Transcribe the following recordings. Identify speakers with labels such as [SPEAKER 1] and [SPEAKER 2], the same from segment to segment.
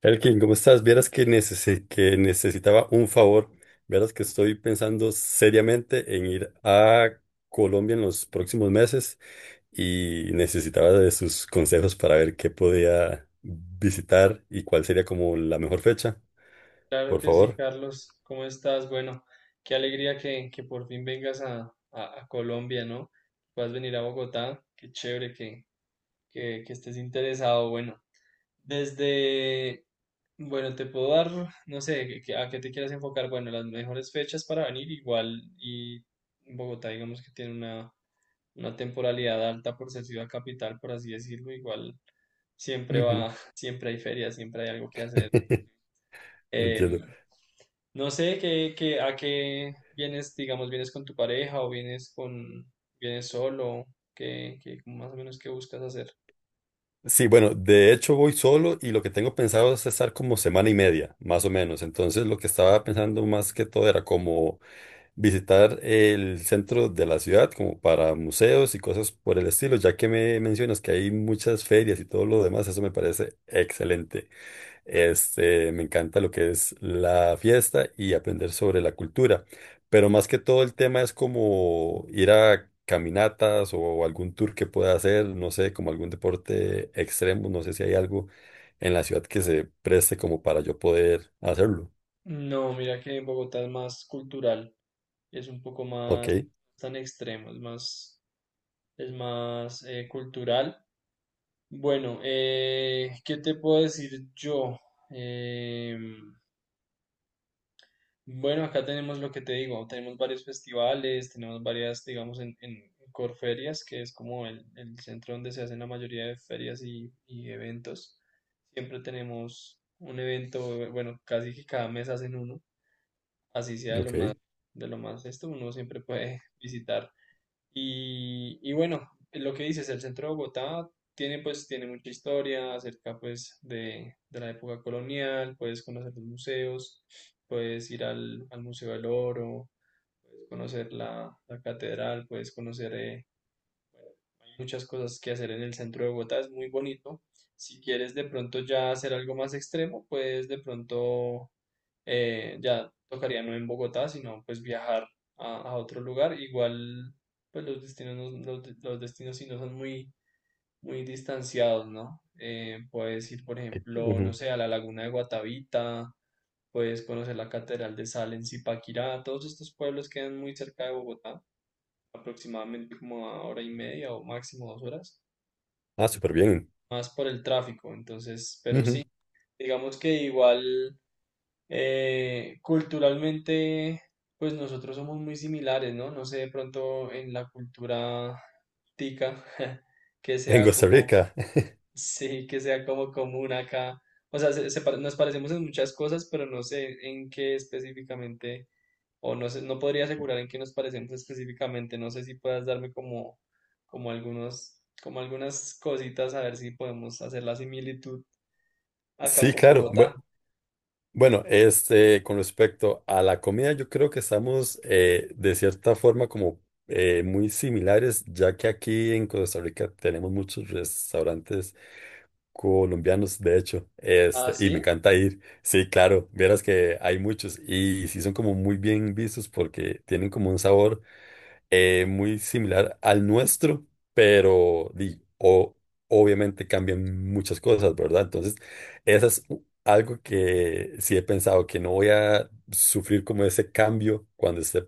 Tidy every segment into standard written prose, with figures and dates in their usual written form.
[SPEAKER 1] Elkin, ¿cómo estás? Vieras que, que necesitaba un favor. Vieras que estoy pensando seriamente en ir a Colombia en los próximos meses y necesitaba de sus consejos para ver qué podía visitar y cuál sería como la mejor fecha,
[SPEAKER 2] Claro
[SPEAKER 1] por
[SPEAKER 2] que sí,
[SPEAKER 1] favor.
[SPEAKER 2] Carlos. ¿Cómo estás? Bueno, qué alegría que por fin vengas a Colombia, ¿no? Puedas venir a Bogotá. Qué chévere que estés interesado. Bueno, desde, bueno, te puedo dar, no sé, a qué te quieras enfocar. Bueno, las mejores fechas para venir igual y Bogotá, digamos que tiene una temporalidad alta por ser ciudad capital, por así decirlo. Igual siempre
[SPEAKER 1] Ujú.
[SPEAKER 2] va, siempre hay ferias, siempre hay algo que hacer.
[SPEAKER 1] Entiendo.
[SPEAKER 2] Em, no sé a qué vienes, digamos, vienes con tu pareja o vienes con, vienes solo, qué, qué más o menos qué buscas hacer.
[SPEAKER 1] Sí, bueno, de hecho voy solo y lo que tengo pensado es estar como semana y media, más o menos. Entonces lo que estaba pensando más que todo era como visitar el centro de la ciudad como para museos y cosas por el estilo, ya que me mencionas que hay muchas ferias y todo lo demás, eso me parece excelente. Este, me encanta lo que es la fiesta y aprender sobre la cultura, pero más que todo el tema es como ir a caminatas o algún tour que pueda hacer, no sé, como algún deporte extremo, no sé si hay algo en la ciudad que se preste como para yo poder hacerlo.
[SPEAKER 2] No, mira que en Bogotá es más cultural, es un poco
[SPEAKER 1] Ok,
[SPEAKER 2] más tan extremo, es más cultural. Bueno, ¿qué te puedo decir yo? Em, Bueno, acá tenemos lo que te digo, tenemos varios festivales, tenemos varias, digamos, en Corferias, que es como el centro donde se hacen la mayoría de ferias y eventos. Siempre tenemos un evento, bueno, casi que cada mes hacen uno, así sea
[SPEAKER 1] ok.
[SPEAKER 2] de lo más esto, uno siempre puede visitar. Y bueno, lo que dices, el centro de Bogotá tiene pues tiene mucha historia acerca pues de la época colonial, puedes conocer los museos, puedes ir al, al Museo del Oro, puedes conocer la, la catedral, puedes conocer hay muchas cosas que hacer en el centro de Bogotá, es muy bonito. Si quieres de pronto ya hacer algo más extremo, puedes de pronto ya tocaría no en Bogotá, sino pues viajar a otro lugar. Igual, pues los destinos, los, los destinos sí no son muy, muy distanciados, ¿no? Puedes ir, por ejemplo, no
[SPEAKER 1] Ujú.
[SPEAKER 2] sé, a la laguna de Guatavita, puedes conocer la Catedral de Sal en Zipaquirá, todos estos pueblos quedan muy cerca de Bogotá, aproximadamente como a hora y media o máximo dos horas,
[SPEAKER 1] Ah, súper bien.
[SPEAKER 2] más por el tráfico, entonces, pero sí.
[SPEAKER 1] Ujú.
[SPEAKER 2] Digamos que igual culturalmente, pues nosotros somos muy similares, ¿no? No sé de pronto en la cultura tica que
[SPEAKER 1] En
[SPEAKER 2] sea
[SPEAKER 1] Costa
[SPEAKER 2] como,
[SPEAKER 1] Rica.
[SPEAKER 2] sí, que sea como común acá. O sea, nos parecemos en muchas cosas, pero no sé en qué específicamente, o no sé, no podría asegurar en qué nos parecemos específicamente. No sé si puedas darme como, como algunos, como algunas cositas a ver si podemos hacer la similitud acá
[SPEAKER 1] Sí,
[SPEAKER 2] con
[SPEAKER 1] claro.
[SPEAKER 2] Bogotá.
[SPEAKER 1] Bueno, este, con respecto a la comida, yo creo que estamos de cierta forma como muy similares, ya que aquí en Costa Rica tenemos muchos restaurantes colombianos, de hecho,
[SPEAKER 2] Ah,
[SPEAKER 1] este, y me
[SPEAKER 2] sí.
[SPEAKER 1] encanta ir. Sí, claro, vieras que hay muchos y sí son como muy bien vistos porque tienen como un sabor muy similar al nuestro, pero obviamente cambian muchas cosas, ¿verdad? Entonces, eso es algo que sí he pensado, que no voy a sufrir como ese cambio cuando esté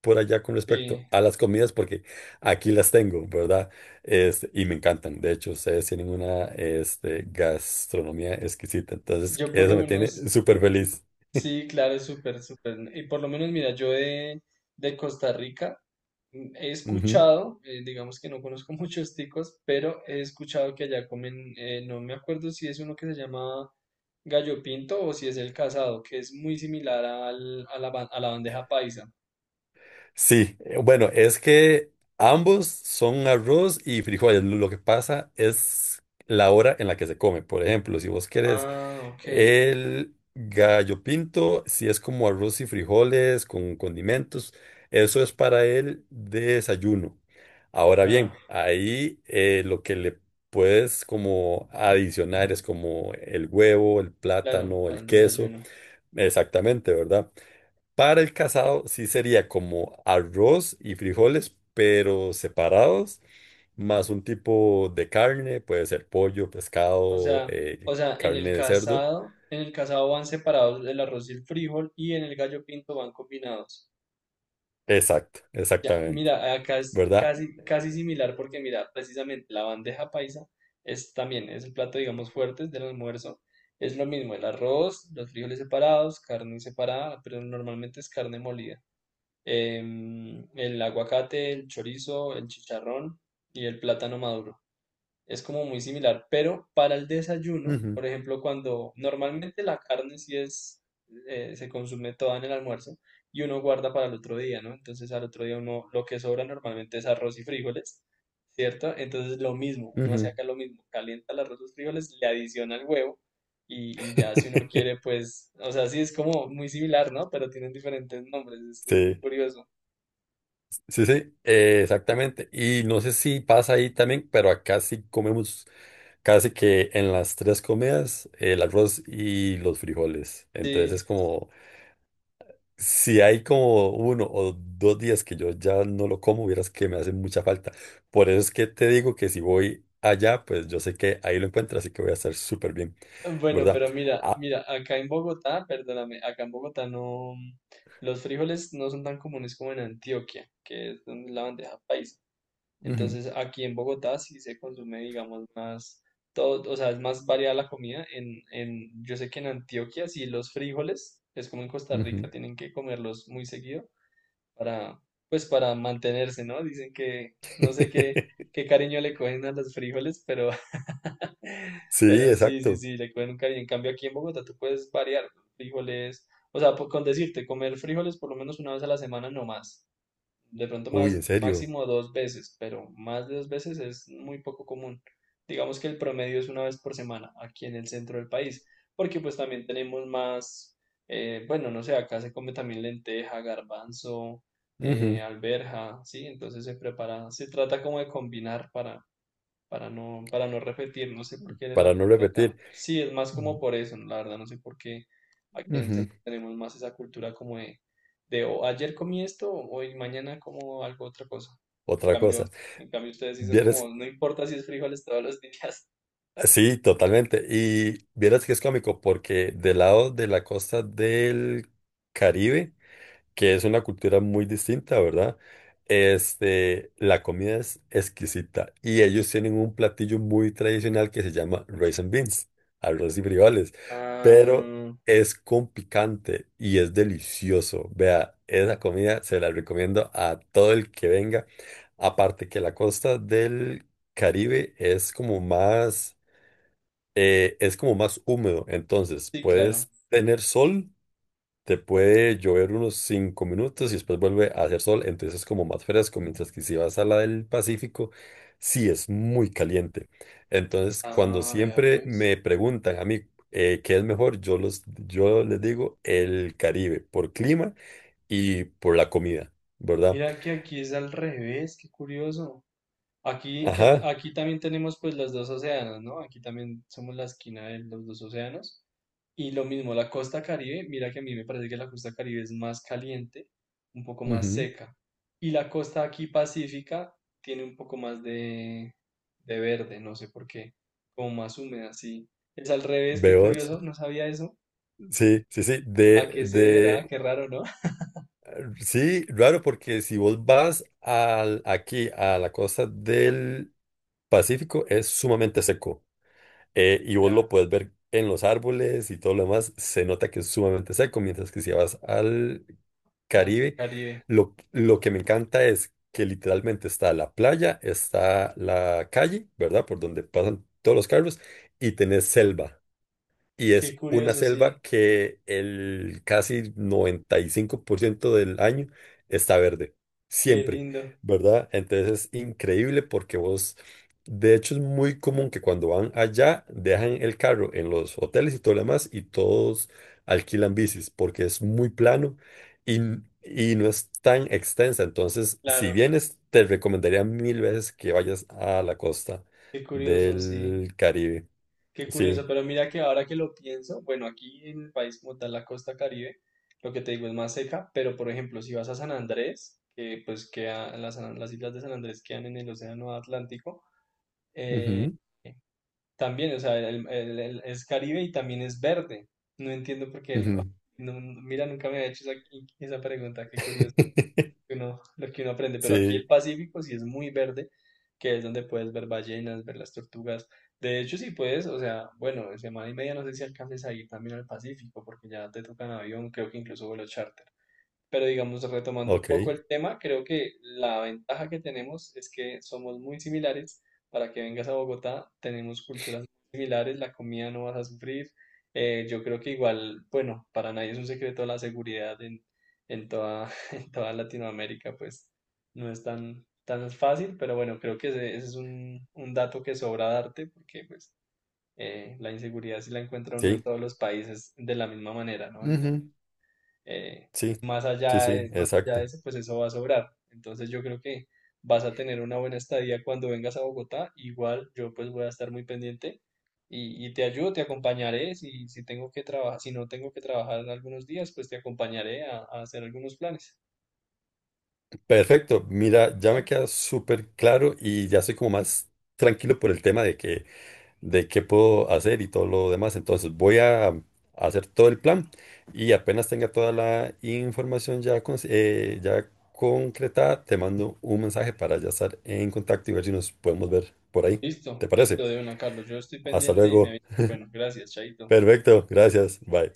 [SPEAKER 1] por allá con
[SPEAKER 2] Sí.
[SPEAKER 1] respecto a las comidas, porque aquí las tengo, ¿verdad? Este, y me encantan. De hecho, ustedes tienen una este, gastronomía exquisita, entonces
[SPEAKER 2] Yo por lo
[SPEAKER 1] eso me tiene
[SPEAKER 2] menos
[SPEAKER 1] súper feliz.
[SPEAKER 2] sí, claro, súper, súper. Y por lo menos, mira, yo de Costa Rica he escuchado, digamos que no conozco muchos ticos, pero he escuchado que allá comen, no me acuerdo si es uno que se llama gallo pinto o si es el casado, que es muy similar al, a la, a la bandeja paisa.
[SPEAKER 1] Sí, bueno, es que ambos son arroz y frijoles. Lo que pasa es la hora en la que se come. Por ejemplo, si vos querés
[SPEAKER 2] Ah, ok,
[SPEAKER 1] el gallo pinto, si es como arroz y frijoles con condimentos, eso es para el desayuno. Ahora
[SPEAKER 2] ya,
[SPEAKER 1] bien, ahí lo que le puedes como adicionar es como el huevo, el
[SPEAKER 2] claro,
[SPEAKER 1] plátano,
[SPEAKER 2] para
[SPEAKER 1] el
[SPEAKER 2] el
[SPEAKER 1] queso,
[SPEAKER 2] desayuno.
[SPEAKER 1] exactamente, ¿verdad? Para el casado sí sería como arroz y frijoles, pero separados, más un tipo de carne, puede ser pollo,
[SPEAKER 2] O
[SPEAKER 1] pescado,
[SPEAKER 2] sea,
[SPEAKER 1] carne de cerdo.
[SPEAKER 2] en el casado van separados el arroz y el frijol y en el gallo pinto van combinados.
[SPEAKER 1] Exacto,
[SPEAKER 2] Ya,
[SPEAKER 1] exactamente,
[SPEAKER 2] mira, acá es
[SPEAKER 1] ¿verdad?
[SPEAKER 2] casi, casi similar porque mira, precisamente la bandeja paisa es también, es el plato, digamos, fuerte del almuerzo. Es lo mismo, el arroz, los frijoles separados, carne separada, pero normalmente es carne molida. El aguacate, el chorizo, el chicharrón y el plátano maduro es como muy similar, pero para el desayuno,
[SPEAKER 1] Ujú,
[SPEAKER 2] por ejemplo, cuando normalmente la carne sí es, se consume toda en el almuerzo y uno guarda para el otro día, ¿no? Entonces al otro día uno lo que sobra normalmente es arroz y frijoles, ¿cierto? Entonces lo mismo, uno hace
[SPEAKER 1] ujú.
[SPEAKER 2] acá lo mismo, calienta el arroz, los frijoles, le adiciona el huevo y ya si uno quiere, pues, o sea, sí es como muy similar, ¿no? Pero tienen diferentes nombres, es muy
[SPEAKER 1] Sí,
[SPEAKER 2] curioso.
[SPEAKER 1] sí, sí, exactamente. Y no sé si pasa ahí también, pero acá sí comemos casi que en las tres comidas el arroz y los frijoles. Entonces es
[SPEAKER 2] Sí.
[SPEAKER 1] como... Si hay como uno o dos días que yo ya no lo como, vieras que me hace mucha falta. Por eso es que te digo que si voy allá, pues yo sé que ahí lo encuentro, así que voy a estar súper bien,
[SPEAKER 2] Bueno,
[SPEAKER 1] ¿verdad?
[SPEAKER 2] pero mira,
[SPEAKER 1] Ah,
[SPEAKER 2] mira, acá en Bogotá, perdóname, acá en Bogotá no, los frijoles no son tan comunes como en Antioquia, que es donde es la bandeja paisa.
[SPEAKER 1] ujú,
[SPEAKER 2] Entonces, aquí en Bogotá sí se consume, digamos, más todo, o sea, es más variada la comida. En, yo sé que en Antioquia sí los frijoles, es como en Costa Rica,
[SPEAKER 1] ujú.
[SPEAKER 2] tienen que comerlos muy seguido para, pues para mantenerse, ¿no? Dicen que no sé qué, qué cariño le cogen a los frijoles, pero,
[SPEAKER 1] Sí,
[SPEAKER 2] pero sí, sí,
[SPEAKER 1] exacto.
[SPEAKER 2] sí, le cogen un cariño. En cambio, aquí en Bogotá tú puedes variar, ¿no? frijoles, o sea, con decirte, comer frijoles por lo menos una vez a la semana no más. De pronto
[SPEAKER 1] Uy,
[SPEAKER 2] más,
[SPEAKER 1] en serio.
[SPEAKER 2] máximo dos veces, pero más de dos veces es muy poco común. Digamos que el promedio es una vez por semana aquí en el centro del país, porque pues también tenemos más, bueno, no sé, acá se come también lenteja, garbanzo,
[SPEAKER 1] Ujú.
[SPEAKER 2] alberja, ¿sí? Entonces se prepara, se trata como de combinar para no repetir, no sé por qué era la
[SPEAKER 1] Para no
[SPEAKER 2] cultura acá.
[SPEAKER 1] repetir.
[SPEAKER 2] Sí, es más como por eso, la verdad, no sé por qué aquí en el
[SPEAKER 1] Ujú.
[SPEAKER 2] centro tenemos más esa cultura como de o ayer comí esto, hoy mañana como algo otra cosa. En
[SPEAKER 1] Otra cosa.
[SPEAKER 2] cambio, en cambio ustedes sí son como,
[SPEAKER 1] Vieras,
[SPEAKER 2] no importa si es frijoles todos los días.
[SPEAKER 1] sí, totalmente. Y vieras que es cómico porque del lado de la costa del Caribe, que es una cultura muy distinta, ¿verdad? Este, la comida es exquisita y ellos tienen un platillo muy tradicional que se llama rice and beans, arroz y frijoles, pero
[SPEAKER 2] Ah,
[SPEAKER 1] es con picante y es delicioso. Vea, esa comida se la recomiendo a todo el que venga. Aparte que la costa del Caribe es como más húmedo, entonces
[SPEAKER 2] sí, claro.
[SPEAKER 1] puedes tener sol, te puede llover unos 5 minutos y después vuelve a hacer sol, entonces es como más fresco, mientras que si vas a la del Pacífico, sí es muy caliente. Entonces, cuando
[SPEAKER 2] Ah, vea
[SPEAKER 1] siempre
[SPEAKER 2] pues.
[SPEAKER 1] me preguntan a mí qué es mejor, yo les digo el Caribe, por clima y por la comida, ¿verdad?
[SPEAKER 2] Mira que aquí es al revés, qué curioso. Aquí,
[SPEAKER 1] Ajá.
[SPEAKER 2] aquí también tenemos pues los dos océanos, ¿no? Aquí también somos la esquina de los dos océanos. Y lo mismo, la costa Caribe, mira que a mí me parece que la costa Caribe es más caliente, un poco más
[SPEAKER 1] Ujú.
[SPEAKER 2] seca. Y la costa aquí pacífica tiene un poco más de verde, no sé por qué, como más húmeda, sí. Es al revés, qué
[SPEAKER 1] Veo,
[SPEAKER 2] curioso, no sabía eso.
[SPEAKER 1] sí, sí, sí,
[SPEAKER 2] ¿A qué se deberá? Qué raro, ¿no?
[SPEAKER 1] sí, raro porque si vos vas al, aquí a la costa del Pacífico es sumamente seco, y vos lo
[SPEAKER 2] Ya,
[SPEAKER 1] puedes ver en los árboles y todo lo demás, se nota que es sumamente seco, mientras que si vas al
[SPEAKER 2] al
[SPEAKER 1] Caribe,
[SPEAKER 2] Caribe.
[SPEAKER 1] lo que me encanta es que literalmente está la playa, está la calle, ¿verdad? Por donde pasan todos los carros y tenés selva. Y
[SPEAKER 2] Qué
[SPEAKER 1] es una
[SPEAKER 2] curioso,
[SPEAKER 1] selva
[SPEAKER 2] sí,
[SPEAKER 1] que el casi 95% del año está verde,
[SPEAKER 2] qué
[SPEAKER 1] siempre,
[SPEAKER 2] lindo.
[SPEAKER 1] ¿verdad? Entonces es increíble porque vos, de hecho es muy común que cuando van allá dejan el carro en los hoteles y todo lo demás y todos alquilan bicis porque es muy plano y, y no es tan extensa. Entonces, si
[SPEAKER 2] Claro,
[SPEAKER 1] vienes, te recomendaría mil veces que vayas a la costa
[SPEAKER 2] qué curioso, sí.
[SPEAKER 1] del Caribe.
[SPEAKER 2] Qué
[SPEAKER 1] Sí.
[SPEAKER 2] curioso, pero mira que ahora que lo pienso, bueno, aquí en el país como tal, la costa Caribe, lo que te digo es más seca, pero por ejemplo, si vas a San Andrés, que pues queda, las islas de San Andrés quedan en el Océano Atlántico,
[SPEAKER 1] Ujú,
[SPEAKER 2] también, o sea, es Caribe y también es verde. No entiendo por qué,
[SPEAKER 1] ujú.
[SPEAKER 2] mira, nunca me ha hecho esa, esa pregunta, qué curioso que uno, lo que uno aprende, pero aquí el
[SPEAKER 1] Sí,
[SPEAKER 2] Pacífico sí es muy verde, que es donde puedes ver ballenas, ver las tortugas. De hecho, sí puedes, o sea, bueno, en semana y media no sé si alcances a ir también al Pacífico, porque ya te tocan avión, creo que incluso vuelo charter. Pero digamos, retomando un
[SPEAKER 1] ok,
[SPEAKER 2] poco el tema, creo que la ventaja que tenemos es que somos muy similares. Para que vengas a Bogotá, tenemos culturas muy similares, la comida no vas a sufrir. Yo creo que igual, bueno, para nadie es un secreto la seguridad en toda, en toda Latinoamérica, pues no es tan, tan fácil, pero bueno, creo que ese es un dato que sobra darte, porque pues la inseguridad sí la encuentra uno en
[SPEAKER 1] sí.
[SPEAKER 2] todos los países de la misma manera, ¿no? Entonces
[SPEAKER 1] Ujú.
[SPEAKER 2] eh,
[SPEAKER 1] Sí, sí, sí,
[SPEAKER 2] más allá de
[SPEAKER 1] exacto.
[SPEAKER 2] eso, pues eso va a sobrar. Entonces yo creo que vas a tener una buena estadía cuando vengas a Bogotá. Igual yo pues voy a estar muy pendiente y te ayudo, te acompañaré. Si, si tengo que trabajar, si no tengo que trabajar algunos días, pues te acompañaré a hacer algunos planes.
[SPEAKER 1] Perfecto, mira, ya me
[SPEAKER 2] ¿No?
[SPEAKER 1] queda súper claro y ya soy como más tranquilo por el tema de que, de qué puedo hacer y todo lo demás. Entonces voy a hacer todo el plan y apenas tenga toda la información ya, ya concretada, te mando un mensaje para ya estar en contacto y ver si nos podemos ver por ahí.
[SPEAKER 2] Listo,
[SPEAKER 1] ¿Te parece?
[SPEAKER 2] listo de una, Carlos. Yo estoy
[SPEAKER 1] Hasta
[SPEAKER 2] pendiente y me
[SPEAKER 1] luego.
[SPEAKER 2] avisas. Bueno, gracias, Chaito.
[SPEAKER 1] Perfecto, gracias, bye.